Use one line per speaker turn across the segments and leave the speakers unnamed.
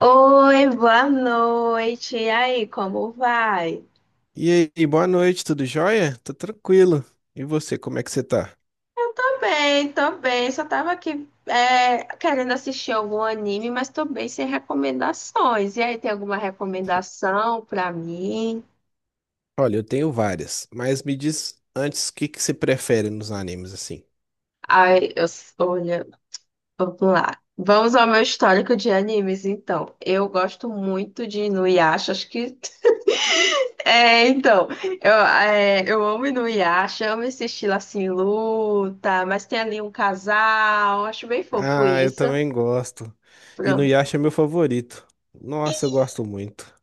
Oi, boa noite. E aí, como vai?
E aí, boa noite, tudo jóia? Tô tranquilo. E você, como é que você tá?
Eu tô bem, tô bem. Só tava aqui querendo assistir algum anime, mas tô bem sem recomendações. E aí, tem alguma recomendação pra mim?
Olha, eu tenho várias, mas me diz antes o que que você prefere nos animes assim.
Ai, eu, olha, vamos lá. Vamos ao meu histórico de animes, então. Eu gosto muito de Inuyasha, acho que É, então, eu amo Inuyasha, amo esse estilo assim, luta, mas tem ali um casal, acho bem fofo
Ah, eu
isso.
também gosto. E no
Pronto.
Yasha é meu favorito. Nossa, eu gosto muito.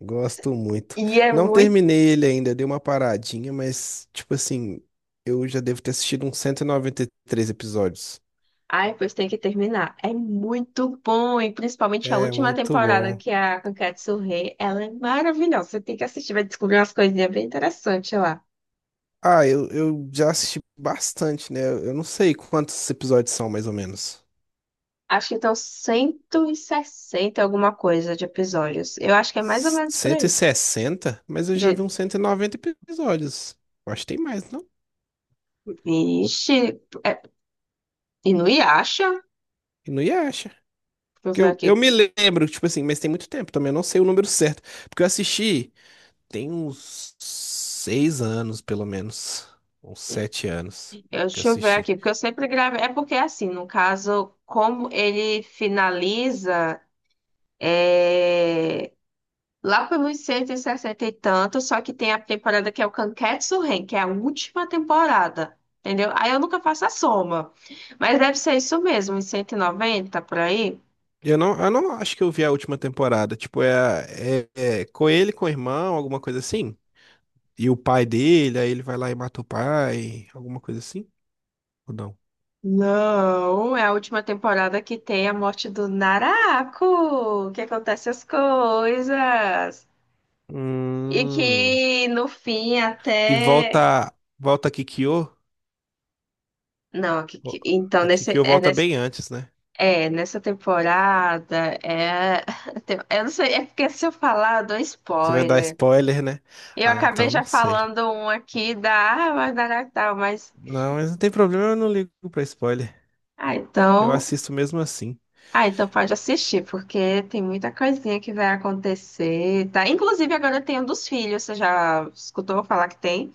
Gosto muito.
E é
Não
muito.
terminei ele ainda, dei uma paradinha, mas tipo assim, eu já devo ter assistido uns 193 episódios.
Ai, pois tem que terminar. É muito bom, e principalmente a
É
última
muito
temporada,
bom.
que é a Kankatsu Rei, ela é maravilhosa. Você tem que assistir, vai descobrir umas coisinhas bem interessantes lá.
Ah, eu já assisti bastante, né? Eu não sei quantos episódios são mais ou menos.
Acho que estão 160 alguma coisa de episódios. Eu acho que é mais ou
S-
menos por
cento e
aí.
sessenta, mas eu já vi
De...
uns 190 episódios. Eu acho que tem mais, não?
Vixe, é... Inuyasha?
E não ia acha.
Deixa eu
Que
ver
eu
aqui.
me lembro, tipo assim, mas tem muito tempo também. Eu não sei o número certo. Porque eu assisti tem uns 6 anos, pelo menos. Uns
Eu-
7 anos que eu
Deixa eu ver
assisti.
aqui, porque eu sempre gravei. É porque, é assim, no caso, como ele finaliza é, lá pelos 160 e tanto, só que tem a temporada que é o Kanketsu Ren, que é a última temporada, entendeu? Aí eu nunca faço a soma. Mas deve ser isso mesmo, uns 190 por aí.
E eu não acho que eu vi a última temporada. Tipo, é com ele, com o irmão, alguma coisa assim. E o pai dele, aí ele vai lá e mata o pai, alguma coisa assim? Ou não?
Não, é a última temporada que tem a morte do Naraku, que acontece as coisas. E
Hum.
que no fim
E
até
volta, volta a Kikyo.
Não,
Vo-
que- então
A
nesse,
Kikyo volta bem antes, né?
é nessa temporada eu não sei, é porque se eu falar, eu dou
Você vai dar
spoiler.
spoiler, né?
Eu
Ah,
acabei
então não
já
sei.
falando um aqui da árvore da tal, mas
Não, mas não tem problema, eu não ligo pra spoiler.
ah,
Eu
então,
assisto mesmo assim.
pode assistir, porque tem muita coisinha que vai acontecer, tá? Inclusive agora tem um dos filhos, você já escutou falar que tem?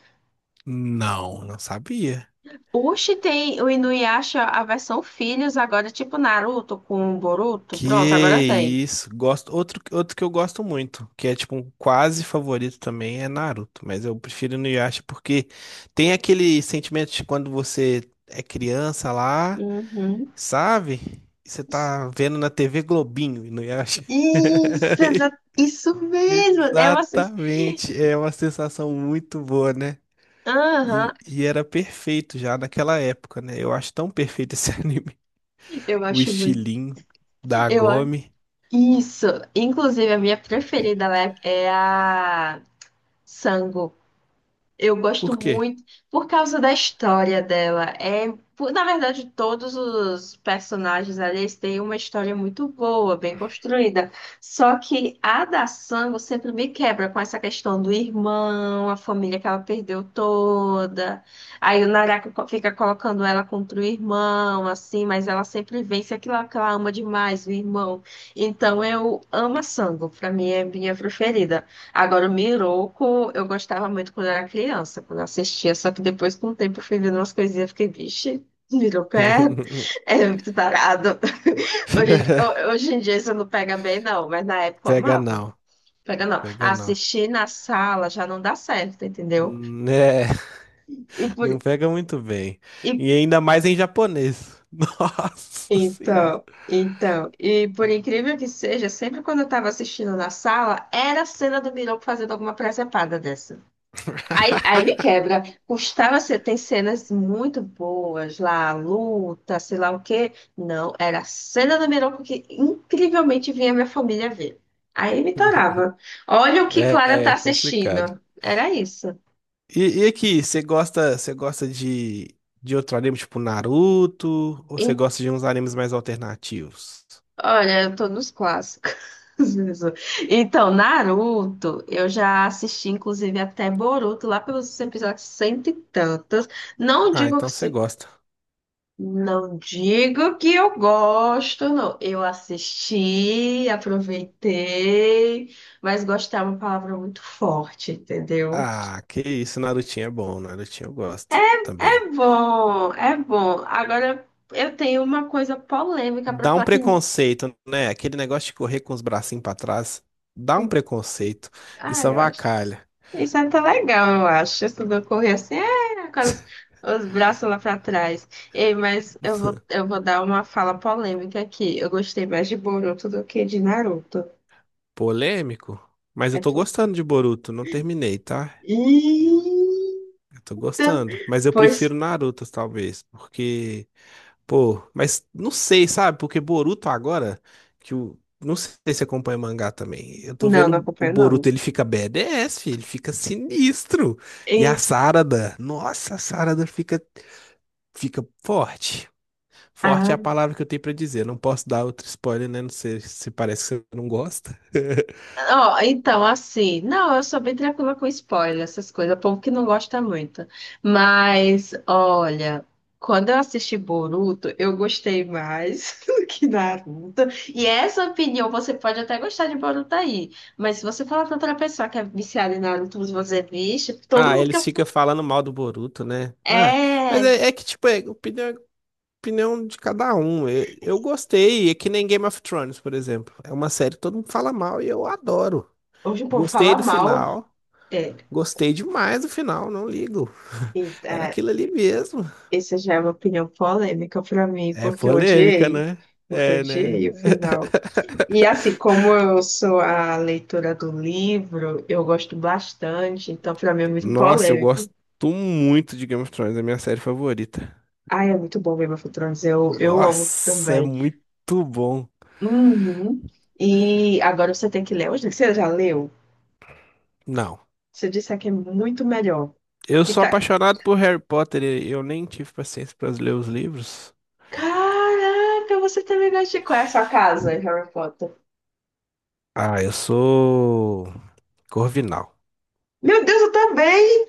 Não, não sabia.
Oxi, tem o Inuyasha, a versão filhos agora, tipo Naruto com Boruto.
Que
Pronto, agora tem.
isso. Gosto, outro que eu gosto muito, que é tipo um quase favorito também, é Naruto. Mas eu prefiro no Inuyasha porque tem aquele sentimento de quando você é criança lá.
Uhum.
Sabe? Você tá vendo na TV Globinho, e não acha?
Isso, isso mesmo.
Exatamente. É uma sensação muito boa, né?
Aham,
E era perfeito já naquela época, né? Eu acho tão perfeito esse anime.
eu
O
acho muito.
estilinho da
Eu a-
Agome.
Isso. Inclusive, a minha preferida lá é a Sango. Eu gosto
Por quê?
muito por causa da história dela. Na verdade, todos os personagens ali eles têm uma história muito boa, bem construída. Só que a da Sango sempre me quebra com essa questão do irmão, a família que ela perdeu toda. Aí o Naraka fica colocando ela contra o irmão, assim, mas ela sempre vence aquilo que ela ama demais, o irmão. Então eu amo a Sango, pra mim é minha preferida. Agora, o Miroco, eu gostava muito quando era criança, quando eu assistia, só que depois, com o tempo, eu fui vendo umas coisinhas e fiquei, vixe, Miroco é muito tarado. Hoje, hoje em dia isso não pega bem, não, mas na época eu
Pega
amava.
não.
Pega não.
Pega não.
Assistir na sala já não dá certo, entendeu?
Né?
E por,
Não pega muito bem.
e,
E ainda mais em japonês. Nossa senhora.
então, então, e por incrível que seja, sempre quando eu estava assistindo na sala, era a cena do Miroco fazendo alguma presepada dessa. Aí me quebra. Custava ser, tem cenas muito boas lá, a luta, sei lá o quê. Não, era a cena do Mironco que incrivelmente vinha minha família ver. Aí me torava. Olha o que
É,
Clara tá
é complicado.
assistindo. Era isso.
E aqui, você gosta de outro anime tipo Naruto? Ou você
E,
gosta de uns animes mais alternativos?
olha, eu tô nos clássicos. Jesus. Então, Naruto, eu já assisti, inclusive, até Boruto, lá pelos episódios cento e tantos. Não
Ah,
digo que,
então você gosta.
Não digo que eu gosto, não. Eu assisti, aproveitei, mas gostar é uma palavra muito forte, entendeu?
Ah, que isso, Narutinho é bom, Narutinho eu gosto
É
também.
bom, é bom. Agora eu tenho uma coisa polêmica para
Dá um
falar que.
preconceito, né? Aquele negócio de correr com os bracinhos pra trás, dá um preconceito.
Ah,
Isso
eu acho.
avacalha.
Isso é até legal, eu acho. Isso não correr assim, com os braços lá para trás. Ei, eu vou dar uma fala polêmica aqui. Eu gostei mais de Boruto do que de Naruto.
Polêmico? Mas eu
É
tô
tudo.
gostando de Boruto, não terminei, tá?
Ih!
Eu tô gostando. Mas eu
Pois
prefiro Naruto, talvez, porque pô, mas não sei, sabe? Porque Boruto agora, que o. Não sei se você acompanha mangá também. Eu tô
não, não
vendo o
acompanho não.
Boruto, ele fica BDS filho, ele fica sinistro. E a
Em-
Sarada, nossa, a Sarada fica forte. Forte
ah,
é a palavra que eu tenho pra dizer. Não posso dar outro spoiler, né? Não sei se parece que você não gosta.
ó, então, assim, não, eu sou bem tranquila com spoiler, essas coisas, o povo que não gosta muito. Mas, olha, quando eu assisti Boruto, eu gostei mais do que Naruto. E essa opinião, você pode até gostar de Boruto aí, mas se você falar pra outra pessoa que é viciada em Naruto, você vai dizer, vixe, todo
Ah,
mundo que
eles ficam falando mal do Boruto, né? Ah, mas
é,
é que, tipo, opinião é opinião de cada um. Eu gostei, é que nem Game of Thrones, por exemplo. É uma série que todo mundo fala mal e eu adoro.
hoje o povo
Gostei
fala
do
mal,
final.
é,
Gostei demais do final, não ligo.
e-
Era
é,
aquilo ali mesmo.
essa já é uma opinião polêmica pra mim,
É
porque eu
polêmica,
odiei.
né?
Porque eu
É, né?
odiei o final. E assim, como eu sou a leitora do livro, eu gosto bastante, então pra mim é muito
Nossa, eu
polêmico.
gosto muito de Game of Thrones, é a minha série favorita.
Ai, é muito bom Game of Thrones, eu amo
Nossa, é
também.
muito bom.
Uhum. E agora você tem que ler. Hoje você já leu?
Não.
Você disse que é muito melhor.
Eu
Que
sou
tá...
apaixonado por Harry Potter e eu nem tive paciência para ler os livros.
Caraca, você também gosta de... Qual é a sua casa, Harry Potter?
Ah, eu sou Corvinal.
Meu Deus, eu também!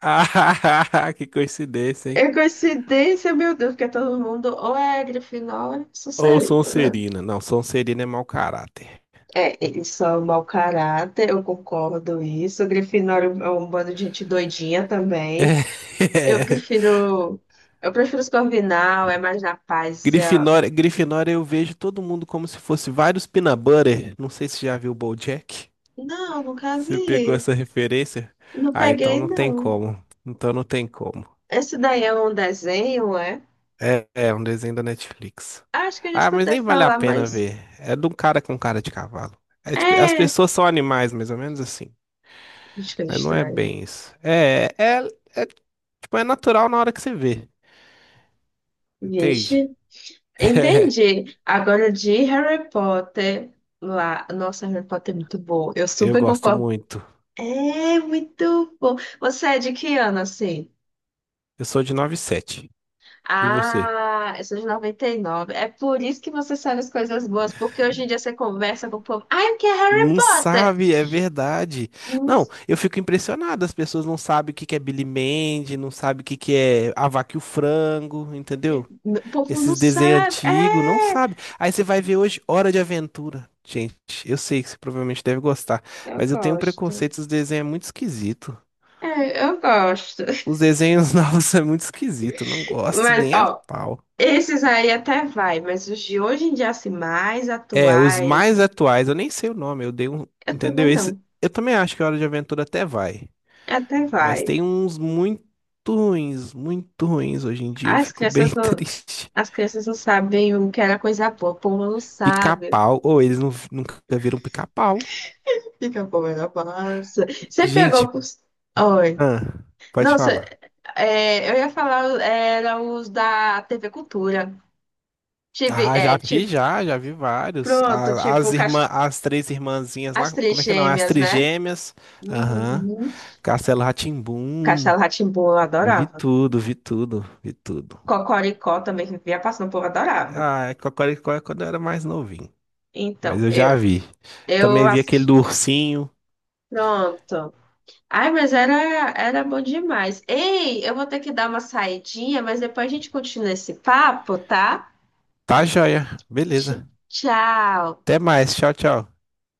Ah, que coincidência, hein?
É coincidência, meu Deus, porque todo mundo ou é Grifinória ou é
Ou
Sonserina, né?
Sonserina. Não, Sonserina é mau caráter.
É, eles são mau caráter, eu concordo isso. Grifinória é um bando de gente doidinha também. Eu
É.
prefiro, eu prefiro Corvinal, é mais na paz.
Grifinória, Grifinória eu vejo todo mundo como se fosse vários peanut butter. Não sei se já viu o BoJack.
Não, nunca
Você pegou
vi.
essa referência?
Não
Ah, então
peguei,
não tem
não.
como. Então não tem como.
Esse daí é um desenho, é?
É, é um desenho da Netflix.
Acho que eu já
Ah, mas
escutei
nem vale a
falar,
pena
mas
ver. É de um cara com cara de cavalo. É tipo, as
é.
pessoas são animais, mais ou menos assim.
Acho que é
Mas não é
estranho.
bem isso. É, tipo, é natural na hora que você vê, entende?
Vixe. Entendi. Agora de Harry Potter lá. Nossa, Harry Potter é muito bom. Eu
É, eu
super
gosto
concordo.
muito.
É muito bom. Você é de que ano, assim?
Eu sou de 97. E você?
Ah, eu sou de 99. É por isso que você sabe as coisas boas, porque hoje em dia você conversa com o povo. Ai, o que é Harry
Não
Potter?
sabe, é verdade.
Hum,
Não, eu fico impressionado. As pessoas não sabem o que que é Billy Mandy, não sabem o que que é A Vaca e o Frango, entendeu?
O povo não
Esses desenhos
sabe.
antigos, não
É,
sabe. Aí você vai ver hoje Hora de Aventura. Gente, eu sei que você provavelmente deve gostar,
eu
mas eu tenho um
gosto.
preconceito, os desenhos é muito esquisito.
É, eu gosto.
Os desenhos novos são muito esquisitos, não gosto
Mas,
nem a
ó,
pau.
esses aí até vai, mas os de hoje em dia, assim, mais
É, os mais
atuais.
atuais, eu nem sei o nome, eu dei um.
Eu
Entendeu?
também
Esse,
não.
eu também acho que a Hora de Aventura até vai.
Até
Mas
vai.
tem uns muito ruins hoje em dia, eu
As
fico bem
crianças não,
triste.
as crianças não sabem o que era coisa boa. O povo não sabe.
Pica-pau, ou eles não, nunca viram pica-pau.
Fica a povo na massa. Você
Gente,
pegou os. Oi.
ah, pode
Não, cê-
falar.
é, eu ia falar, era os da TV Cultura. Tive,
Ah, já
é,
vi,
tipo,
já, já vi vários.
pronto,
A-
tipo,
As
Cas-
irmã, as três irmãzinhas
as
lá,
Três
como é que não? As
Gêmeas, né?
trigêmeas. Aham.
Uhum.
Castelo rá tim.
Castelo rá tim eu
Vi
adorava.
tudo, vi tudo, vi tudo.
Cocoricó também que vivia passando, o povo adorava.
Ah, é Cocoricó é quando eu era mais novinho. Mas
Então,
eu já
eu,
vi.
eu
Também vi aquele
assisti.
do ursinho.
Pronto. Ai, mas era, era bom demais. Ei, eu vou ter que dar uma saidinha, mas depois a gente continua esse papo, tá?
Tá joia.
Tch-
Beleza.
Tchau.
Até mais. Tchau, tchau.